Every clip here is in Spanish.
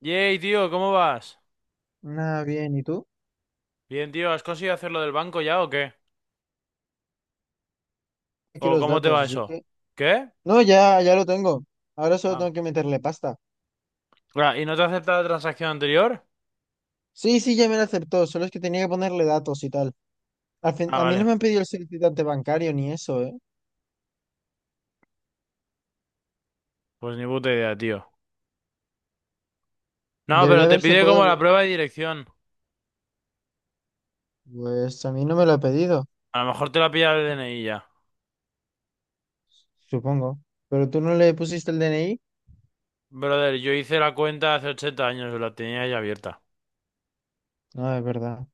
Yey, tío, ¿cómo vas? Nada bien, ¿y tú? Bien, tío, ¿has conseguido hacer lo del banco ya o qué? Aquí ¿O los cómo te datos, va así eso? que... ¿Qué? No, ya, ya lo tengo. Ahora solo Ah, tengo que meterle pasta. ah, ¿y no te acepta la transacción anterior? Sí, sí, ya me lo aceptó, solo es que tenía que ponerle datos y tal. Ah, A mí no vale. me han pedido el certificante bancario ni eso, ¿eh? Pues ni puta idea, tío. No, Debería pero te haberse pide como podido... la prueba de dirección. Pues a mí no me lo ha pedido, A lo mejor te la pilla el DNI ya. supongo. ¿Pero tú no le pusiste el DNI? Brother, yo hice la cuenta hace 80 años, la tenía ya abierta. No, es verdad.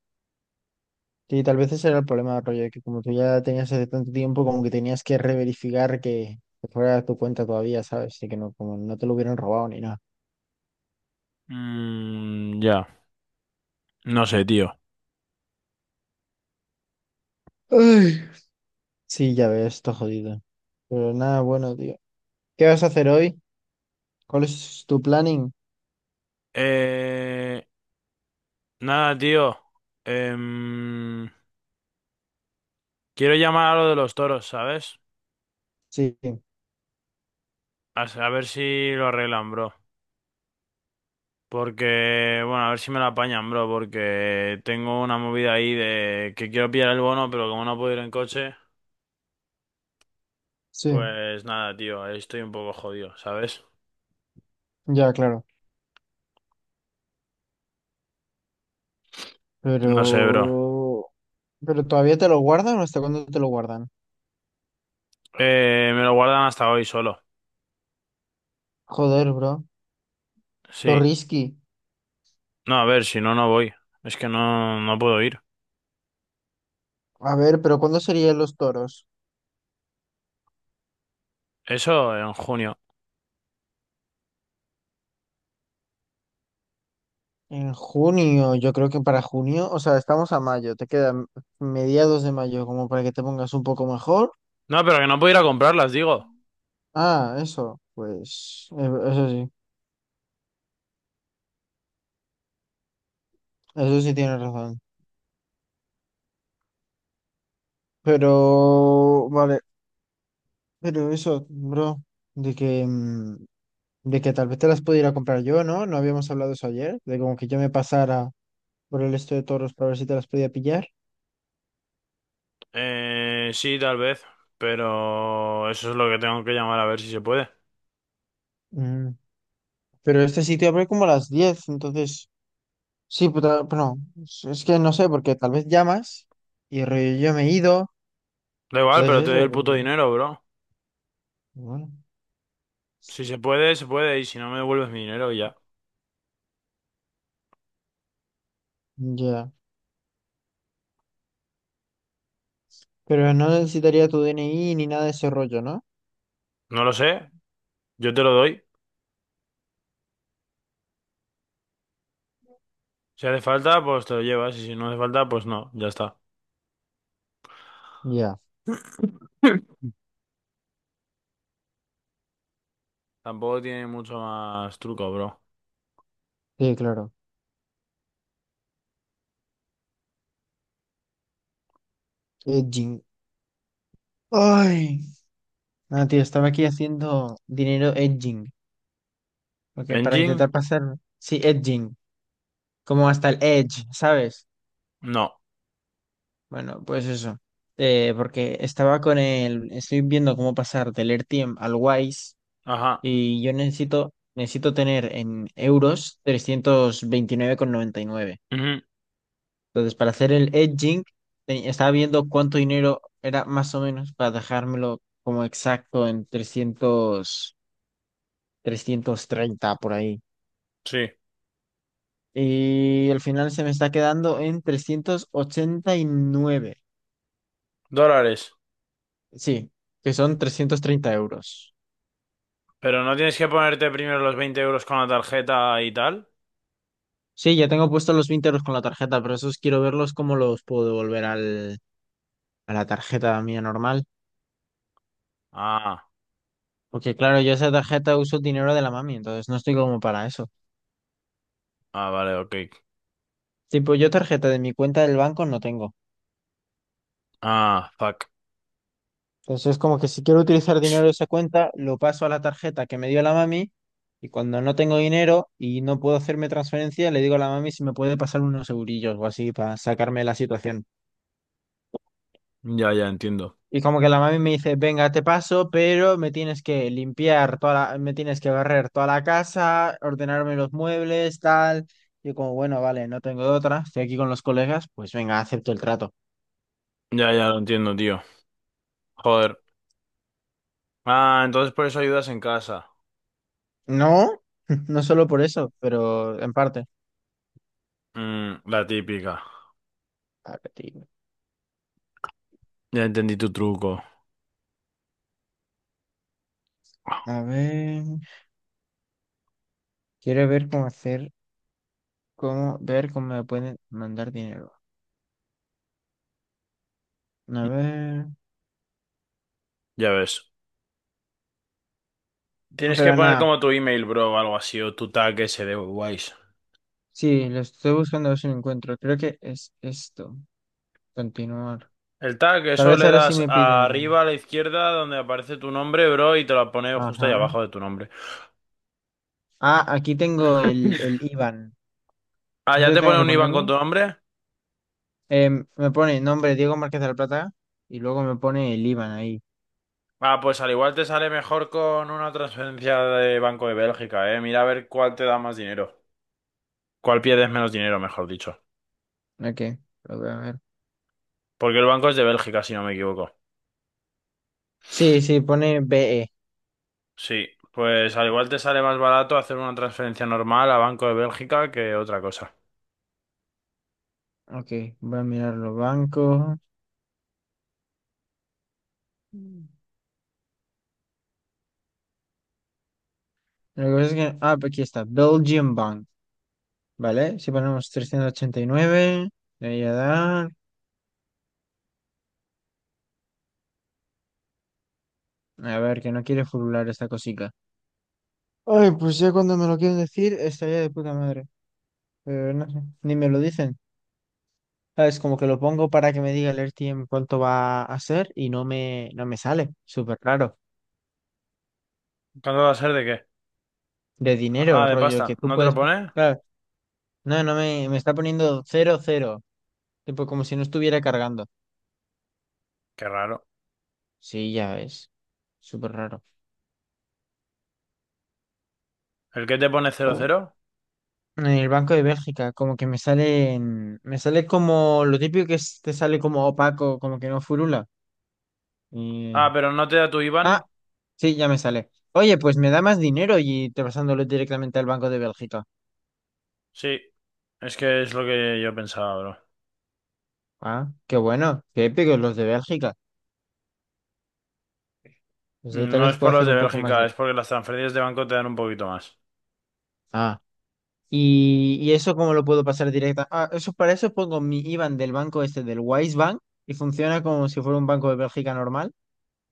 Y tal vez ese era el problema, rollo, de que como tú ya tenías hace tanto tiempo, como que tenías que reverificar que fuera tu cuenta todavía, ¿sabes? Y que no, como no te lo hubieran robado ni nada. Mmm, ya. No sé, tío. Ay. Sí, ya ves, está jodido. Pero nada, bueno, tío. ¿Qué vas a hacer hoy? ¿Cuál es tu planning? Eh... Nada, tío. Em, Quiero llamar a lo de los toros, ¿sabes? Sí, A ver si lo arreglan, bro. Porque, bueno, a ver si me la apañan, bro, porque tengo una movida ahí de que quiero pillar el bono, pero como no puedo ir en coche, sí, pues nada, tío, ahí estoy un poco jodido, ¿sabes? ya, claro. No sé, bro. Pero... ¿Pero todavía te lo guardan o hasta cuándo te lo guardan? Me lo guardan hasta hoy solo. Joder, bro. Sí. Zorrisky. No, a ver, si no, no voy. Es que no, no puedo ir. A ver, pero ¿cuándo serían los toros? Eso en junio. En junio, yo creo que para junio, o sea, estamos a mayo, te quedan mediados de mayo como para que te pongas un poco mejor. No, pero que no puedo ir a comprarlas, digo. Ah, eso, pues, eso sí, eso sí tienes razón. Pero, vale, pero eso, bro, de que, mm, de que tal vez te las pudiera comprar yo, ¿no? No habíamos hablado eso ayer, de como que yo me pasara por el esto de toros para ver si te las podía pillar. Sí, tal vez, pero eso es lo que tengo que llamar a ver si se puede. Mm, Pero este sitio abre como a las 10, entonces, sí, puta, bueno, es que no sé, porque tal vez llamas y rollo yo me he ido, Da igual, pero te entonces doy eso, el puto pero, dinero, bro. bueno, Si se puede, se puede, y si no me devuelves mi dinero y ya. ya. Pero no necesitaría tu DNI ni nada de ese rollo, ¿no? No lo sé, yo te lo doy. Si hace falta, pues te lo llevas, y si no hace falta, pues no, ya está. Ya, Tampoco tiene mucho más truco, bro. sí, claro. Edging. Ay. No, tío, estaba aquí haciendo dinero edging, porque para ¿Engine? intentar pasar, sí, edging, como hasta el edge, ¿sabes? No. Bueno, pues eso. Porque estaba con el, estoy viendo cómo pasar del RTM al Wise Ajá. y yo necesito, necesito tener en euros 329,99. Ujú. Entonces, para hacer el edging, estaba viendo cuánto dinero era más o menos para dejármelo como exacto en trescientos treinta por ahí. Sí. Y al final se me está quedando en 389. Dólares. Sí, que son 330 euros. Pero no tienes que ponerte primero los 20 euros con la tarjeta y tal. Sí, ya tengo puestos los 20 euros con la tarjeta, pero esos quiero verlos cómo los puedo devolver al, a la tarjeta mía normal. Ah, Porque claro, yo esa tarjeta uso dinero de la mami, entonces no estoy como para eso. ah, vale, ok. Tipo, yo tarjeta de mi cuenta del banco no tengo. Ah, fuck. Entonces, como que si quiero utilizar dinero de esa cuenta, lo paso a la tarjeta que me dio la mami y cuando no tengo dinero y no puedo hacerme transferencia, le digo a la mami si me puede pasar unos eurillos o así para sacarme de la situación. Ya, ya entiendo. Y como que la mami me dice, venga, te paso, pero me tienes que limpiar toda la, me tienes que barrer toda la casa, ordenarme los muebles, tal. Yo como, bueno, vale, no tengo de otra, estoy aquí con los colegas, pues venga, acepto el trato. Ya, ya lo entiendo, tío. Joder. Ah, entonces por eso ayudas en casa. No, no solo por eso, pero en parte. Mm, la típica. Ya entendí tu truco. A ver. Quiero ver cómo hacer, cómo ver cómo me pueden mandar dinero. A ver. Ya ves. Tienes que Pero poner nada. como tu email, bro, o algo así, o tu tag ese de Wise. Sí, lo estoy buscando a ver si lo encuentro. Creo que es esto. Continuar. El tag, Tal eso vez le ahora sí das me piden. arriba a la izquierda donde aparece tu nombre, bro, y te lo pone justo ahí Ajá. abajo de tu nombre. Ah, aquí tengo el IBAN. Ah, ¿ya ¿Eso te tengo pone que un IBAN con ponerlo? tu nombre? Me pone nombre Diego Márquez de la Plata y luego me pone el IBAN ahí. Ah, pues al igual te sale mejor con una transferencia de Banco de Bélgica, eh. Mira a ver cuál te da más dinero. Cuál pierdes menos dinero, mejor dicho. Ok, lo voy a ver. Porque el banco es de Bélgica, si no me equivoco. Sí, sí, pone BE. Sí, pues al igual te sale más barato hacer una transferencia normal a Banco de Bélgica que otra cosa. Ok, voy a mirarlo. Banco. Lo que pasa es que... Ah, pues aquí está. Belgian Bank. Vale, si ponemos 389, de ahí a dar. A ver, que no quiere furular esta cosica. Ay, pues ya cuando me lo quieren decir, estaría de puta madre. Pero no sé, ni me lo dicen. Es como que lo pongo para que me diga el AirTM cuánto va a ser y no me sale. Súper raro. ¿Cuándo va a ser de qué? De Ah, dinero, de rollo, pasta. que tú ¿No te lo puedes. pone? Claro, no, me está poniendo cero cero. Tipo, como si no estuviera cargando. Qué raro. Sí, ya ves. Súper raro. ¿El que te pone 00? En el Banco de Bélgica, como que me sale como lo típico que te sale como opaco, como que no furula. Ah, Y- pero no te da tu IBAN. Ah, sí, ya me sale. Oye, pues me da más dinero y te pasándolo directamente al Banco de Bélgica. Sí, es que es lo que yo pensaba, bro. Ah, qué bueno, qué épicos los de Bélgica. Pues ahí tal No es vez puedo por los hacer de un poco más Bélgica, de. es porque las transferencias de banco te dan un poquito más. Ah, y eso cómo lo puedo pasar directa. Ah, eso para eso pongo mi IBAN del banco este, del Wise Bank, y funciona como si fuera un Banco de Bélgica normal.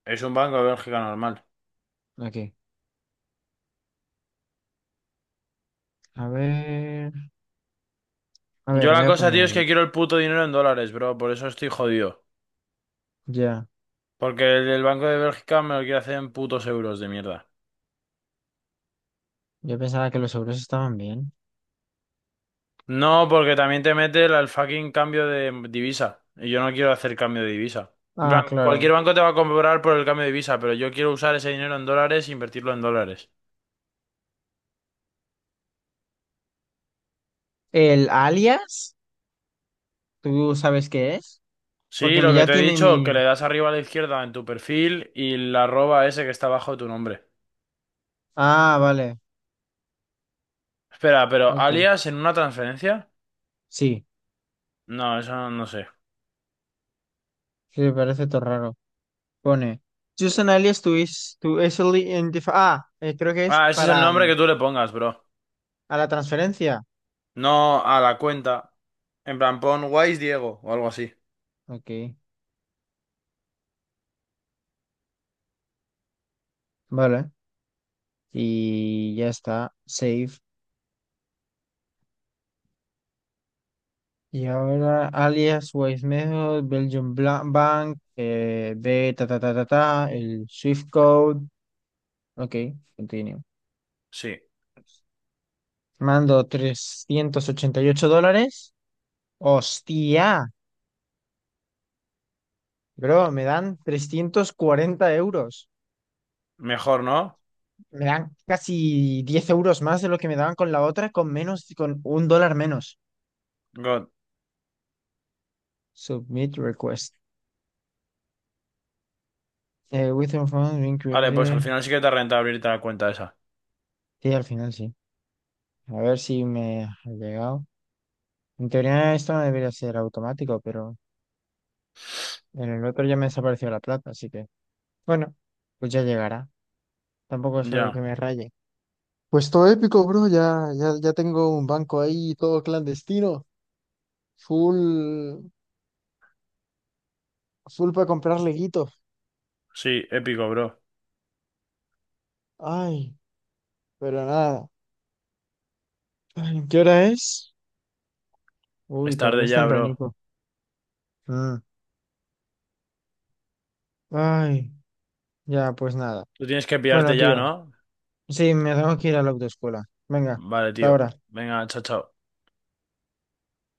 Es un banco de Bélgica normal. Aquí. A ver, a Yo ver, voy la a cosa, tío, poner... es que quiero el puto dinero en dólares, bro. Por eso estoy jodido. Ya. Porque el del Banco de Bélgica me lo quiere hacer en putos euros de mierda. Yo pensaba que los euros estaban bien. No, porque también te mete el fucking cambio de divisa. Y yo no quiero hacer cambio de divisa. En Ah, plan, claro. cualquier banco te va a cobrar por el cambio de divisa, pero yo quiero usar ese dinero en dólares e invertirlo en dólares. ¿El alias? ¿Tú sabes qué es? Sí, Porque lo que ya te he tiene dicho, mi... que le das arriba a la izquierda en tu perfil y la arroba ese que está abajo de tu nombre. Ah, vale. Espera, ¿pero Ok. alias en una transferencia? Sí. No, eso no, no sé. Sí, me parece todo raro. Pone... Use an alias to, is, to easily identify... Ah, creo que es Ah, ese es el para... nombre que tú le pongas, bro. a la transferencia. No a la cuenta. En plan, pon Wise Diego o algo así. Ok. Vale. Y ya está. Save. Y ahora alias, Wise Method, Bank, de ta ta ta ta ta, el Swift Code. Ok, continue. Sí, Mando 388 dólares. Hostia, bro, me dan 340 euros. mejor, ¿no? Me dan casi 10 euros más de lo que me daban con la otra, con menos, con 1 dólar menos. God. Submit request. Within funds being Vale, pues al created. final sí que te renta abrirte la cuenta esa. Sí, al final sí. A ver si me ha llegado. En teoría esto no debería ser automático, pero en el otro ya me desapareció la plata, así que bueno, pues ya llegará. Tampoco es algo que Ya, me raye. Pues todo épico, bro. Ya, ya, ya tengo un banco ahí, todo clandestino. Full, full para comprar leguito. sí, épico, bro. Ay, pero nada. Ay, ¿qué hora es? Es Uy, todavía tarde es ya, bro. tempranito. Mm. Ay, ya, pues nada. Tú tienes que pillarte Bueno, ya, tío. ¿no? Sí, me tengo que ir a la autoescuela. Venga, Vale, hasta tío. ahora. Venga, chao, chao.